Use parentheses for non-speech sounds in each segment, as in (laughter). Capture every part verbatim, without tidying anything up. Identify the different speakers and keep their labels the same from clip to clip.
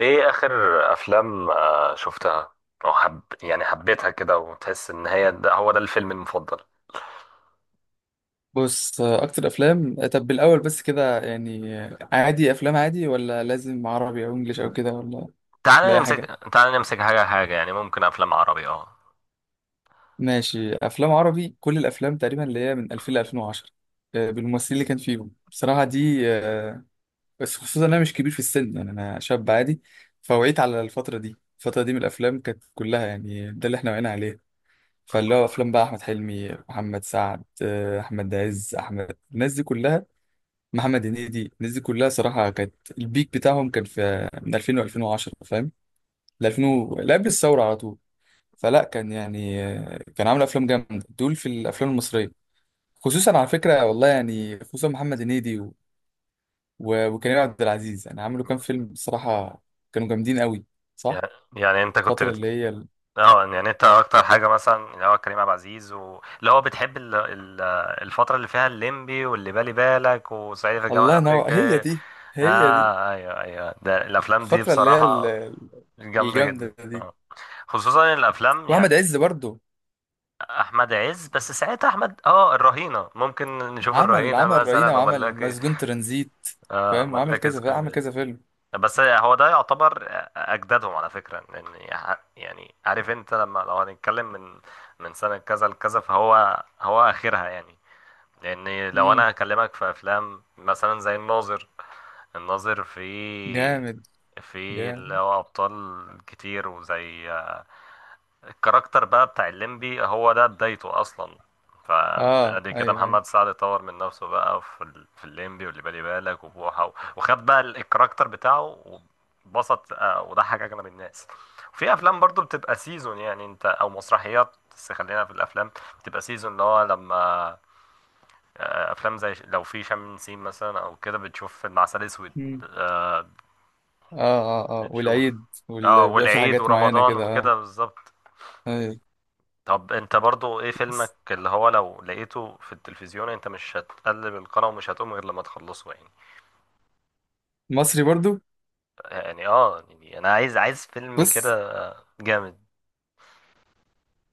Speaker 1: ايه اخر افلام آه، شفتها او حب، يعني حبيتها كده وتحس ان هي ده هو ده الفيلم المفضل؟
Speaker 2: بص، اكتر افلام، طب بالاول بس كده يعني عادي، افلام عادي ولا لازم عربي او انجليش او كده ولا ولا
Speaker 1: تعال
Speaker 2: اي
Speaker 1: نمسك
Speaker 2: حاجه؟
Speaker 1: تعال نمسك حاجه حاجه، يعني ممكن افلام عربي. اه،
Speaker 2: ماشي، افلام عربي. كل الافلام تقريبا اللي هي من ألفين ل ألفين وعشرة آه، بالممثلين اللي كان فيهم بصراحه دي، آه، بس خصوصا انا مش كبير في السن، يعني انا شاب عادي. فوعيت على الفتره دي، الفتره دي من الافلام كانت كلها، يعني ده اللي احنا وعينا عليه. فاللي هو افلام بقى احمد حلمي، محمد سعد، آه، احمد عز، احمد، الناس دي كلها، محمد هنيدي، الناس دي كلها صراحة كانت البيك بتاعهم كان في من ألفين و2010، فاهم، ل ألفين و- لا، قبل الثورة على طول. فلا، كان يعني آه، كان عامل أفلام جامدة دول في الأفلام المصرية، خصوصا على فكرة، والله يعني، خصوصا محمد هنيدي و- و- وكريم عبد العزيز. يعني عملوا كام فيلم بصراحة كانوا جامدين قوي، صح.
Speaker 1: يعني يعني انت كنت
Speaker 2: الفترة
Speaker 1: بت...
Speaker 2: اللي هي ال...
Speaker 1: اه، يعني انت اكتر حاجه مثلا اللي هو كريم عبد العزيز و... اللي هو بتحب ال... ال... الفتره اللي فيها الليمبي واللي بالي بالك وصعيدي في الجامعه
Speaker 2: الله ينور، هي
Speaker 1: الامريكيه.
Speaker 2: دي، هي دي
Speaker 1: اه ايوه ايوه، ده الافلام دي
Speaker 2: الفترة اللي هي
Speaker 1: بصراحه
Speaker 2: ال-
Speaker 1: جامده جدا
Speaker 2: الجامدة دي.
Speaker 1: آه. خصوصا الافلام يعني.
Speaker 2: وأحمد عز برضه،
Speaker 1: احمد عز، بس ساعتها احمد اه الرهينه، ممكن نشوف
Speaker 2: عمل
Speaker 1: الرهينه
Speaker 2: عمل رهينة
Speaker 1: مثلا
Speaker 2: وعمل
Speaker 1: وملاك.
Speaker 2: مسجون ترانزيت،
Speaker 1: اه،
Speaker 2: فاهم، وعمل
Speaker 1: ملاك
Speaker 2: كذا فيلم، عمل
Speaker 1: سكرين.
Speaker 2: كذا فيلم.
Speaker 1: بس هو ده يعتبر اجدادهم على فكره، لان يع- يعني عارف انت لما لو هنتكلم من من سنه كذا لكذا، فهو هو اخرها يعني. لان لو
Speaker 2: امم.
Speaker 1: انا هكلمك في افلام مثلا زي الناظر، الناظر في
Speaker 2: جامد،
Speaker 1: في اللي
Speaker 2: جامد.
Speaker 1: هو ابطال كتير، وزي آه، الكاركتر بقى بتاع الليمبي، هو ده بدايته اصلا.
Speaker 2: اه،
Speaker 1: فادي كده
Speaker 2: ايوه، ايوه.
Speaker 1: محمد سعد طور من نفسه بقى في ال- في الليمبي واللي بالي بالك وبوحه و- وخد بقى ال- الكاركتر بتاعه. وبسط آه، وضحك اغلب الناس. في افلام برضو بتبقى سيزون، يعني انت او مسرحيات، بس خلينا في الافلام. بتبقى سيزون اللي هو لما آه، افلام زي ش- لو في شم نسيم مثلا او كده، بتشوف فيلم عسل اسود.
Speaker 2: امم.
Speaker 1: آه،
Speaker 2: اه اه اه،
Speaker 1: بتشوف،
Speaker 2: والعيد
Speaker 1: اه،
Speaker 2: وال- بيبقى في
Speaker 1: والعيد
Speaker 2: حاجات معينة
Speaker 1: ورمضان
Speaker 2: كده،
Speaker 1: وكده
Speaker 2: اه.
Speaker 1: بالظبط.
Speaker 2: أيوة.
Speaker 1: طب انت برضو ايه فيلمك اللي هو لو لقيته في التلفزيون انت مش هتقلب القناة ومش هتقوم غير لما تخلصه يعني؟
Speaker 2: مصري برضو.
Speaker 1: يعني اه، يعني انا عايز عايز فيلم
Speaker 2: بص،
Speaker 1: كده جامد.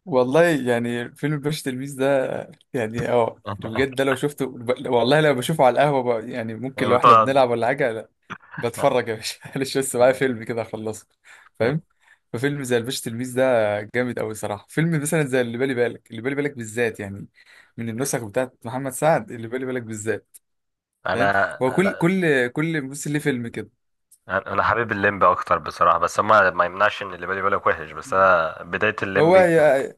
Speaker 2: والله يعني فيلم الباشا تلميذ ده، يعني اه، بجد ده
Speaker 1: (laughs)
Speaker 2: لو شفته، ب- والله لو بشوفه على القهوة بقى، يعني ممكن
Speaker 1: يعني
Speaker 2: لو احنا
Speaker 1: بتقعد.
Speaker 2: بنلعب ولا حاجة، لا، بتفرج يا باشا. (laughs) معلش، بس معايا
Speaker 1: انا
Speaker 2: فيلم كده اخلصه، فاهم. ففيلم زي الباشا تلميذ ده جامد قوي صراحة. فيلم مثلا زي اللي بالي بالك، اللي بالي بالك بالذات يعني، من النسخ بتاعت محمد سعد، اللي بالي بالك بالذات، فاهم. هو كل
Speaker 1: انا
Speaker 2: كل كل ممثل ليه فيلم كده.
Speaker 1: انا حابب الليمبي اكتر بصراحة، بس ما ما يمنعش ان اللي بالي بالك وحش، بس انا بداية
Speaker 2: هو
Speaker 1: الليمبي كانت
Speaker 2: هي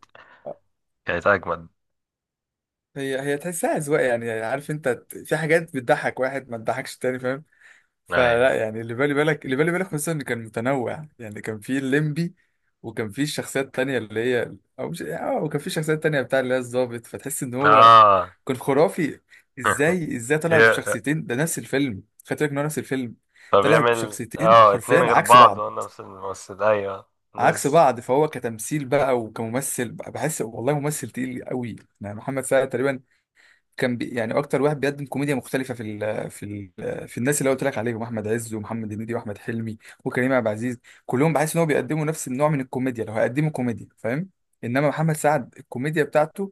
Speaker 1: كانت اجمد.
Speaker 2: هي هي تحسها أذواق، يعني عارف انت، ت- في حاجات بتضحك واحد ما تضحكش التاني، فاهم.
Speaker 1: ايوه
Speaker 2: فلا، يعني اللي بالي بالك، اللي بالي بالك خصوصا ان كان متنوع، يعني كان في الليمبي وكان في الشخصيات تانية اللي هي، او مش، اه، وكان في شخصيات تانية بتاع اللي هي الضابط، فتحس ان هو
Speaker 1: اه.
Speaker 2: كان خرافي. ازاي ازاي
Speaker 1: (laughs)
Speaker 2: طلع
Speaker 1: ي-
Speaker 2: بشخصيتين ده نفس الفيلم؟ خدت بالك ان هو نفس الفيلم؟
Speaker 1: طب
Speaker 2: طلع
Speaker 1: يعمل
Speaker 2: بشخصيتين
Speaker 1: اه اتنين
Speaker 2: حرفيا
Speaker 1: غير
Speaker 2: عكس
Speaker 1: بعض
Speaker 2: بعض،
Speaker 1: وانا نفس الممثل. ايوه
Speaker 2: عكس
Speaker 1: ناس.
Speaker 2: بعض. فهو كتمثيل بقى وكممثل بقى بحس، والله، ممثل تقيل قوي، يعني محمد سعد تقريبا كان بي، يعني اكتر واحد بيقدم كوميديا مختلفه في ال في ال في الناس اللي قلت لك عليهم: احمد عز ومحمد هنيدي واحمد حلمي وكريم عبد العزيز، كلهم بحس ان هو بيقدموا نفس النوع من الكوميديا، لو هيقدموا كوميديا، فاهم. انما محمد سعد الكوميديا بتاعته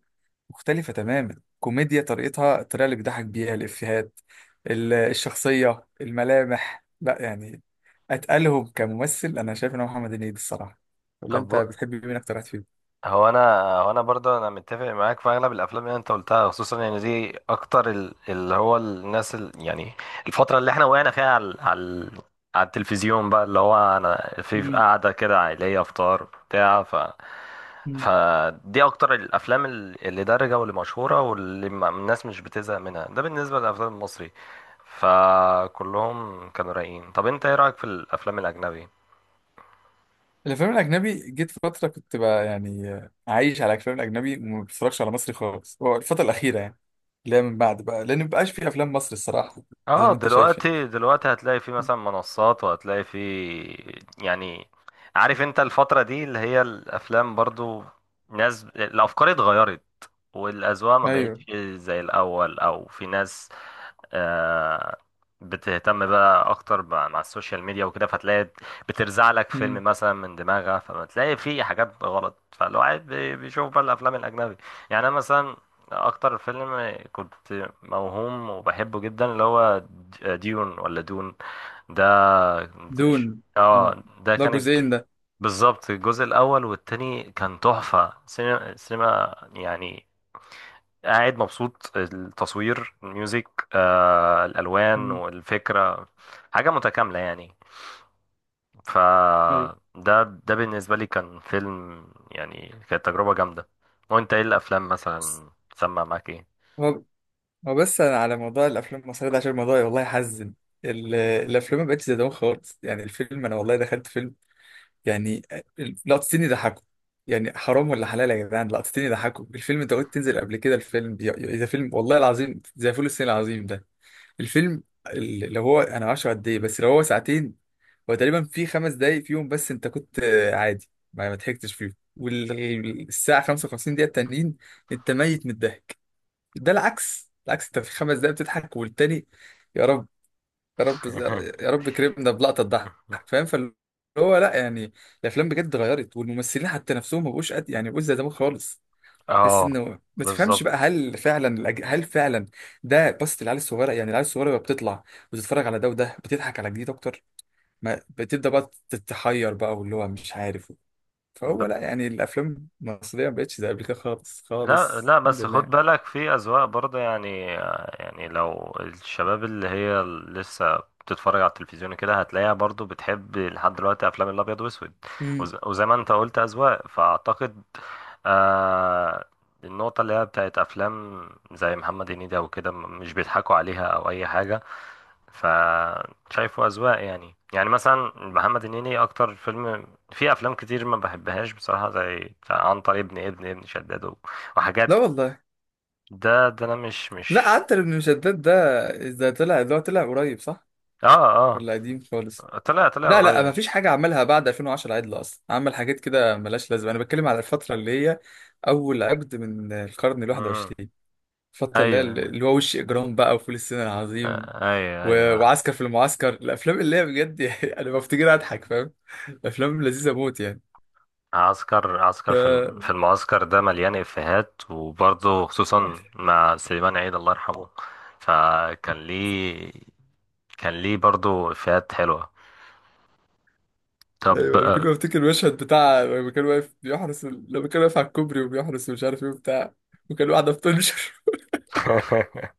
Speaker 2: مختلفه تماما، كوميديا طريقتها، الطريقه اللي بيضحك بيها، الافيهات، ال- الشخصيه، الملامح، لا يعني، اتقلهم كممثل. انا شايف ان هو محمد هنيدي الصراحه. ولا
Speaker 1: طب
Speaker 2: انت بتحب مين اكتر واحد
Speaker 1: هو انا هو انا برضه انا متفق معاك في اغلب الافلام اللي انت قلتها، خصوصا يعني دي اكتر ال- اللي هو الناس ال- يعني الفتره اللي احنا وقعنا فيها على على على التلفزيون بقى، اللي هو انا في في
Speaker 2: فيهم؟
Speaker 1: قعده كده عائليه افطار بتاع ف فدي اكتر الافلام ال- اللي دارجه واللي مشهوره واللي ما- الناس مش بتزهق منها، ده بالنسبه للافلام المصري. فكلهم كانوا رايقين. طب انت ايه رايك في الافلام الاجنبي؟
Speaker 2: الافلام الاجنبي، جيت فتره كنت بقى يعني عايش على الافلام الاجنبي وما بتفرجش على مصري خالص، هو الفتره الاخيره، يعني اللي هي من بعد بقى، لان مبقاش في افلام مصري الصراحه، زي
Speaker 1: اه
Speaker 2: ما انت شايف يعني.
Speaker 1: دلوقتي دلوقتي هتلاقي في مثلا منصات، وهتلاقي في يعني، عارف انت الفترة دي اللي هي الافلام برضو، ناس الافكار اتغيرت والاذواق ما
Speaker 2: ايوه.
Speaker 1: بقتش زي الاول، او في ناس آه، بتهتم بقى اكتر بقى مع السوشيال ميديا وكده، فتلاقي بترزع لك فيلم
Speaker 2: امم.
Speaker 1: مثلا من دماغها، فبتلاقي فيه حاجات غلط، فالواحد بي- بيشوف بقى الافلام الاجنبي. يعني انا مثلا اكتر فيلم كنت موهوم وبحبه جدا، اللي هو د- آه، ديون ولا دون ده.
Speaker 2: دون. اه،
Speaker 1: اه ده
Speaker 2: ده
Speaker 1: كان
Speaker 2: جزئين ده.
Speaker 1: بالظبط. الجزء الاول والتاني كان تحفة، سينما سينما يعني. قاعد مبسوط، التصوير، الميوزك، آه، الالوان
Speaker 2: امم.
Speaker 1: والفكره، حاجه متكامله يعني.
Speaker 2: ايوه.
Speaker 1: فده ده ده بالنسبه لي كان فيلم، يعني كانت تجربه جامده. وانت ايه الافلام مثلا سمع معاك ايه؟
Speaker 2: هو هو بس أنا على موضوع الافلام المصريه ده، عشان الموضوع والله يحزن. ال- الافلام ما بقتش زي زمان خالص، يعني الفيلم، انا والله دخلت فيلم يعني لقطتين يضحكوا، يعني حرام ولا حلال يا جدعان، لقطتين يضحكوا الفيلم؟ انت قلت تنزل قبل كده الفيلم، بي- ده فيلم والله العظيم زي فول الصين العظيم، ده الفيلم ال- لو هو، انا معرفش قد ايه، بس لو هو ساعتين، هو تقريبا في خمس دقايق فيهم بس انت كنت آه، عادي، ما ما ضحكتش فيهم، والساعة خمسة وخمسين دقيقة التانيين انت ميت من الضحك. ده العكس، العكس، انت في خمس دقايق بتضحك والتاني، يا رب، يا رب،
Speaker 1: (laughs)
Speaker 2: يا رب كرمنا بلقطه تضحك، فاهم. فاللي هو لا يعني، الافلام بجد اتغيرت، والممثلين حتى نفسهم ما بقوش قد، يعني ما بقوش زي زمان خالص. تحس
Speaker 1: اه
Speaker 2: انه ما تفهمش
Speaker 1: بالظبط.
Speaker 2: بقى، هل فعلا الأج- هل فعلا ده؟ بصت العيال الصغيره، يعني العيال الصغيره بقى بتطلع وتتفرج على ده وده، بتضحك على جديد اكتر، ما بتبدا بقى تتحير بقى واللي هو مش عارف. فهو لا يعني، الافلام المصريه ما بقتش زي قبل كده خالص
Speaker 1: لا
Speaker 2: خالص،
Speaker 1: لا،
Speaker 2: الحمد
Speaker 1: بس
Speaker 2: لله
Speaker 1: خد
Speaker 2: يعني.
Speaker 1: بالك في أذواق برضه يعني. يعني لو الشباب اللي هي لسه بتتفرج على التلفزيون كده، هتلاقيها برضه بتحب لحد دلوقتي أفلام الأبيض وأسود.
Speaker 2: مم.
Speaker 1: وز- وزي ما أنت قلت أذواق، فأعتقد آه النقطة اللي هي بتاعت أفلام زي محمد هنيدي أو كده، م- مش بيضحكوا عليها أو أي حاجة، فشايفه أذواق يعني. يعني مثلا محمد هنيدي، أكتر فيلم في أفلام كتير ما بحبهاش بصراحة زي بتاع عنتر ابن ابن ابن شداد
Speaker 2: لا
Speaker 1: وحاجات.
Speaker 2: والله.
Speaker 1: ده ده انا مش
Speaker 2: لا،
Speaker 1: مش
Speaker 2: حتى ابن مشداد ده ده طلع، اللي هو طلع قريب صح؟
Speaker 1: اه اه.
Speaker 2: ولا قديم خالص؟
Speaker 1: طلع طلع
Speaker 2: لا لا، ما
Speaker 1: قريب.
Speaker 2: فيش حاجة عملها بعد ألفين وعشرة عدل أصلا، عمل حاجات كده ملهاش لازمة. أنا بتكلم على الفترة اللي هي أول عقد من القرن الواحد
Speaker 1: امم.
Speaker 2: وعشرين، الفترة اللي هي
Speaker 1: ايوه
Speaker 2: اللي هو وش إجرام بقى وفول الصين العظيم
Speaker 1: آه، ايوه
Speaker 2: و...
Speaker 1: ايوه.
Speaker 2: وعسكر في المعسكر، الأفلام اللي هي بجد (laughs) يعني أنا بفتكرها أضحك، فاهم، أفلام لذيذة موت يعني.
Speaker 1: عسكر
Speaker 2: ف
Speaker 1: عسكر في الم- في
Speaker 2: (laughs)
Speaker 1: المعسكر ده مليان افيهات، وبرضه خصوصا مع سليمان عيد الله يرحمه، فكان ليه كان ليه برضه افيهات حلوة. طب
Speaker 2: أيوة، أنا كل
Speaker 1: آه،
Speaker 2: ما أفتكر المشهد بتاع لما كان واقف بيحرس، لما كان واقف على الكوبري وبيحرس ومش عارف إيه وبتاع، وكان واحدة بتنشر.
Speaker 1: (laughs)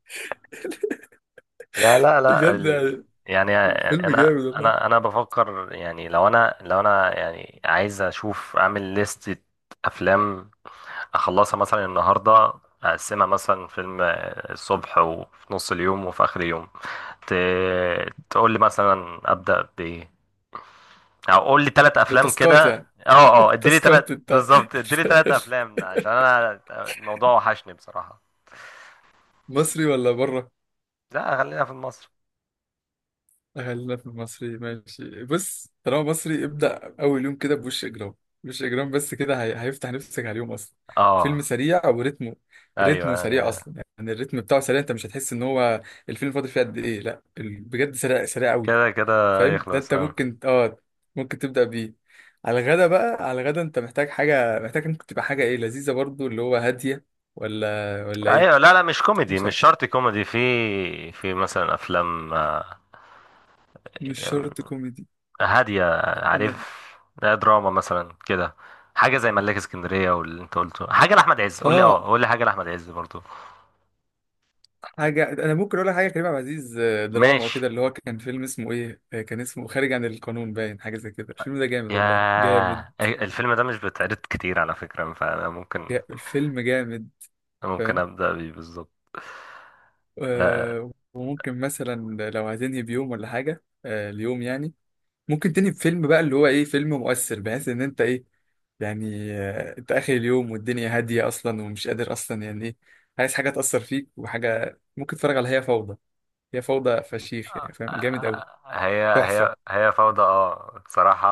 Speaker 1: لا
Speaker 2: (laughs)
Speaker 1: لا لا
Speaker 2: بجد
Speaker 1: ال...
Speaker 2: يعني،
Speaker 1: يعني
Speaker 2: الفيلم
Speaker 1: انا
Speaker 2: جامد والله.
Speaker 1: انا انا بفكر، يعني لو انا لو انا يعني عايز اشوف اعمل لستة افلام اخلصها مثلا النهارده. اقسمها مثلا فيلم الصبح، وفي نص اليوم، وفي اخر اليوم. ت... تقول لي مثلا ابدا بايه، او قول لي ثلاث
Speaker 2: ده
Speaker 1: افلام
Speaker 2: تاسكات
Speaker 1: كده.
Speaker 2: يعني؟
Speaker 1: اه اه، اديلي ثلاث
Speaker 2: تاسكات انت؟
Speaker 1: بالظبط، اديلي ثلاث افلام عشان انا الموضوع وحشني بصراحه.
Speaker 2: مصري ولا بره؟
Speaker 1: لا، خلينا في مصر.
Speaker 2: خلينا في المصري، ماشي. بص، طالما مصري، ابدأ أول يوم كده بوش إجرام. وش إجرام بس كده، هي... هيفتح نفسك على اليوم أصلا، فيلم
Speaker 1: اه،
Speaker 2: سريع وريتمه، ريتمه
Speaker 1: ايوه
Speaker 2: سريع
Speaker 1: أيوة.
Speaker 2: أصلا، يعني الريتم بتاعه سريع، أنت مش هتحس إن هو الفيلم فاضل فيه قد إيه، لا ال- بجد سريع، سريع أوي،
Speaker 1: كده كده
Speaker 2: فاهم. ده
Speaker 1: يخلص
Speaker 2: أنت
Speaker 1: اه.
Speaker 2: ممكن، آه ممكن تبدأ بيه. على الغدا بقى، على الغدا أنت محتاج حاجة، محتاج ممكن تبقى حاجة إيه، لذيذة برضو، اللي هو هادية، ولا ولا إيه؟
Speaker 1: ايوه. لا لا، مش كوميدي.
Speaker 2: مش
Speaker 1: مش
Speaker 2: عارف.
Speaker 1: شرط كوميدي. في في مثلا افلام
Speaker 2: مش شرط
Speaker 1: آه،
Speaker 2: كوميدي.
Speaker 1: هادية،
Speaker 2: انا
Speaker 1: عارف. لا، دراما مثلا كده، حاجة زي ملاك اسكندرية. واللي انت قلته حاجة لأحمد عز، قول لي،
Speaker 2: اه
Speaker 1: اه، قول لي حاجة لأحمد عز برضو.
Speaker 2: حاجه، انا ممكن اقول لك حاجه كريم عبد العزيز، آه، دراما
Speaker 1: ماشي.
Speaker 2: وكده، اللي هو كان فيلم اسمه ايه، آه، كان اسمه خارج عن القانون باين، حاجه زي كده، الفيلم ده جامد والله، جامد.
Speaker 1: يا الفيلم ده مش بيتعرض كتير على فكرة، فأنا ممكن
Speaker 2: جا... الفيلم جامد،
Speaker 1: ممكن
Speaker 2: فاهم.
Speaker 1: أبدأ بيه بالظبط. آه،
Speaker 2: آه وممكن مثلا، لو هتنهي بيوم ولا حاجه آه اليوم يعني، ممكن تنهي بفيلم بقى اللي هو ايه، فيلم مؤثر بحيث ان انت ايه، يعني آه انت اخر اليوم والدنيا هاديه اصلا، ومش قادر اصلا يعني ايه، عايز حاجه تاثر فيك وحاجه، ممكن تتفرج على هي فوضى. هي فوضى فشيخ يعني، فاهم، جامد قوي،
Speaker 1: هي هي
Speaker 2: تحفه،
Speaker 1: هي فوضى، اه بصراحة.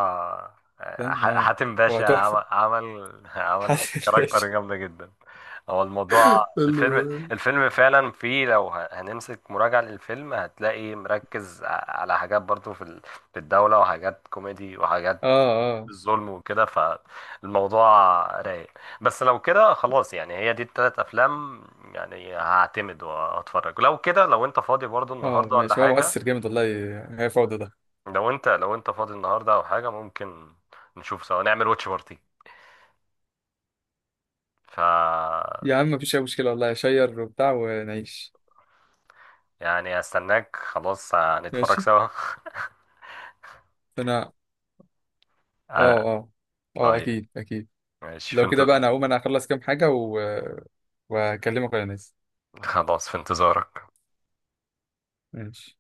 Speaker 1: آه،
Speaker 2: فاهم.
Speaker 1: ح-
Speaker 2: اه،
Speaker 1: حاتم
Speaker 2: هو
Speaker 1: باشا
Speaker 2: تحفه.
Speaker 1: عمل عمل (laughs)
Speaker 2: (laughs)
Speaker 1: عمل
Speaker 2: حسن
Speaker 1: كاركتر
Speaker 2: الباشا،
Speaker 1: جامدة جدا. هو الموضوع الفيلم،
Speaker 2: حلو.
Speaker 1: الفيلم فعلا فيه لو ه- هنمسك مراجعة للفيلم، هتلاقي مركز ع- على حاجات برضو في ال- في الدولة، وحاجات كوميدي، وحاجات
Speaker 2: اه اه
Speaker 1: الظلم وكده، فالموضوع رايق. بس لو كده خلاص، يعني هي دي التلات أفلام، يعني هعتمد وهتفرج. لو كده، لو أنت فاضي برضو
Speaker 2: اه،
Speaker 1: النهاردة ولا
Speaker 2: ماشي. هو
Speaker 1: حاجة،
Speaker 2: مؤثر جامد والله، هي فوضى ده.
Speaker 1: لو انت لو انت فاضي النهارده او حاجه، ممكن نشوف سوا، نعمل واتش بارتي. ف
Speaker 2: يا عم مفيش اي مشكله، والله شير وبتاع ونعيش.
Speaker 1: يعني هستناك، خلاص هنتفرج
Speaker 2: ماشي.
Speaker 1: سوا.
Speaker 2: انا،
Speaker 1: (laughs)
Speaker 2: اه
Speaker 1: آه،
Speaker 2: اه اه،
Speaker 1: طيب
Speaker 2: اكيد اكيد.
Speaker 1: ماشي. في
Speaker 2: لو
Speaker 1: انت...
Speaker 2: كده بقى، انا هقوم، انا اخلص كام حاجه و... وهكلمك وانا نازل.
Speaker 1: خلاص في انتظارك.
Speaker 2: ماشي.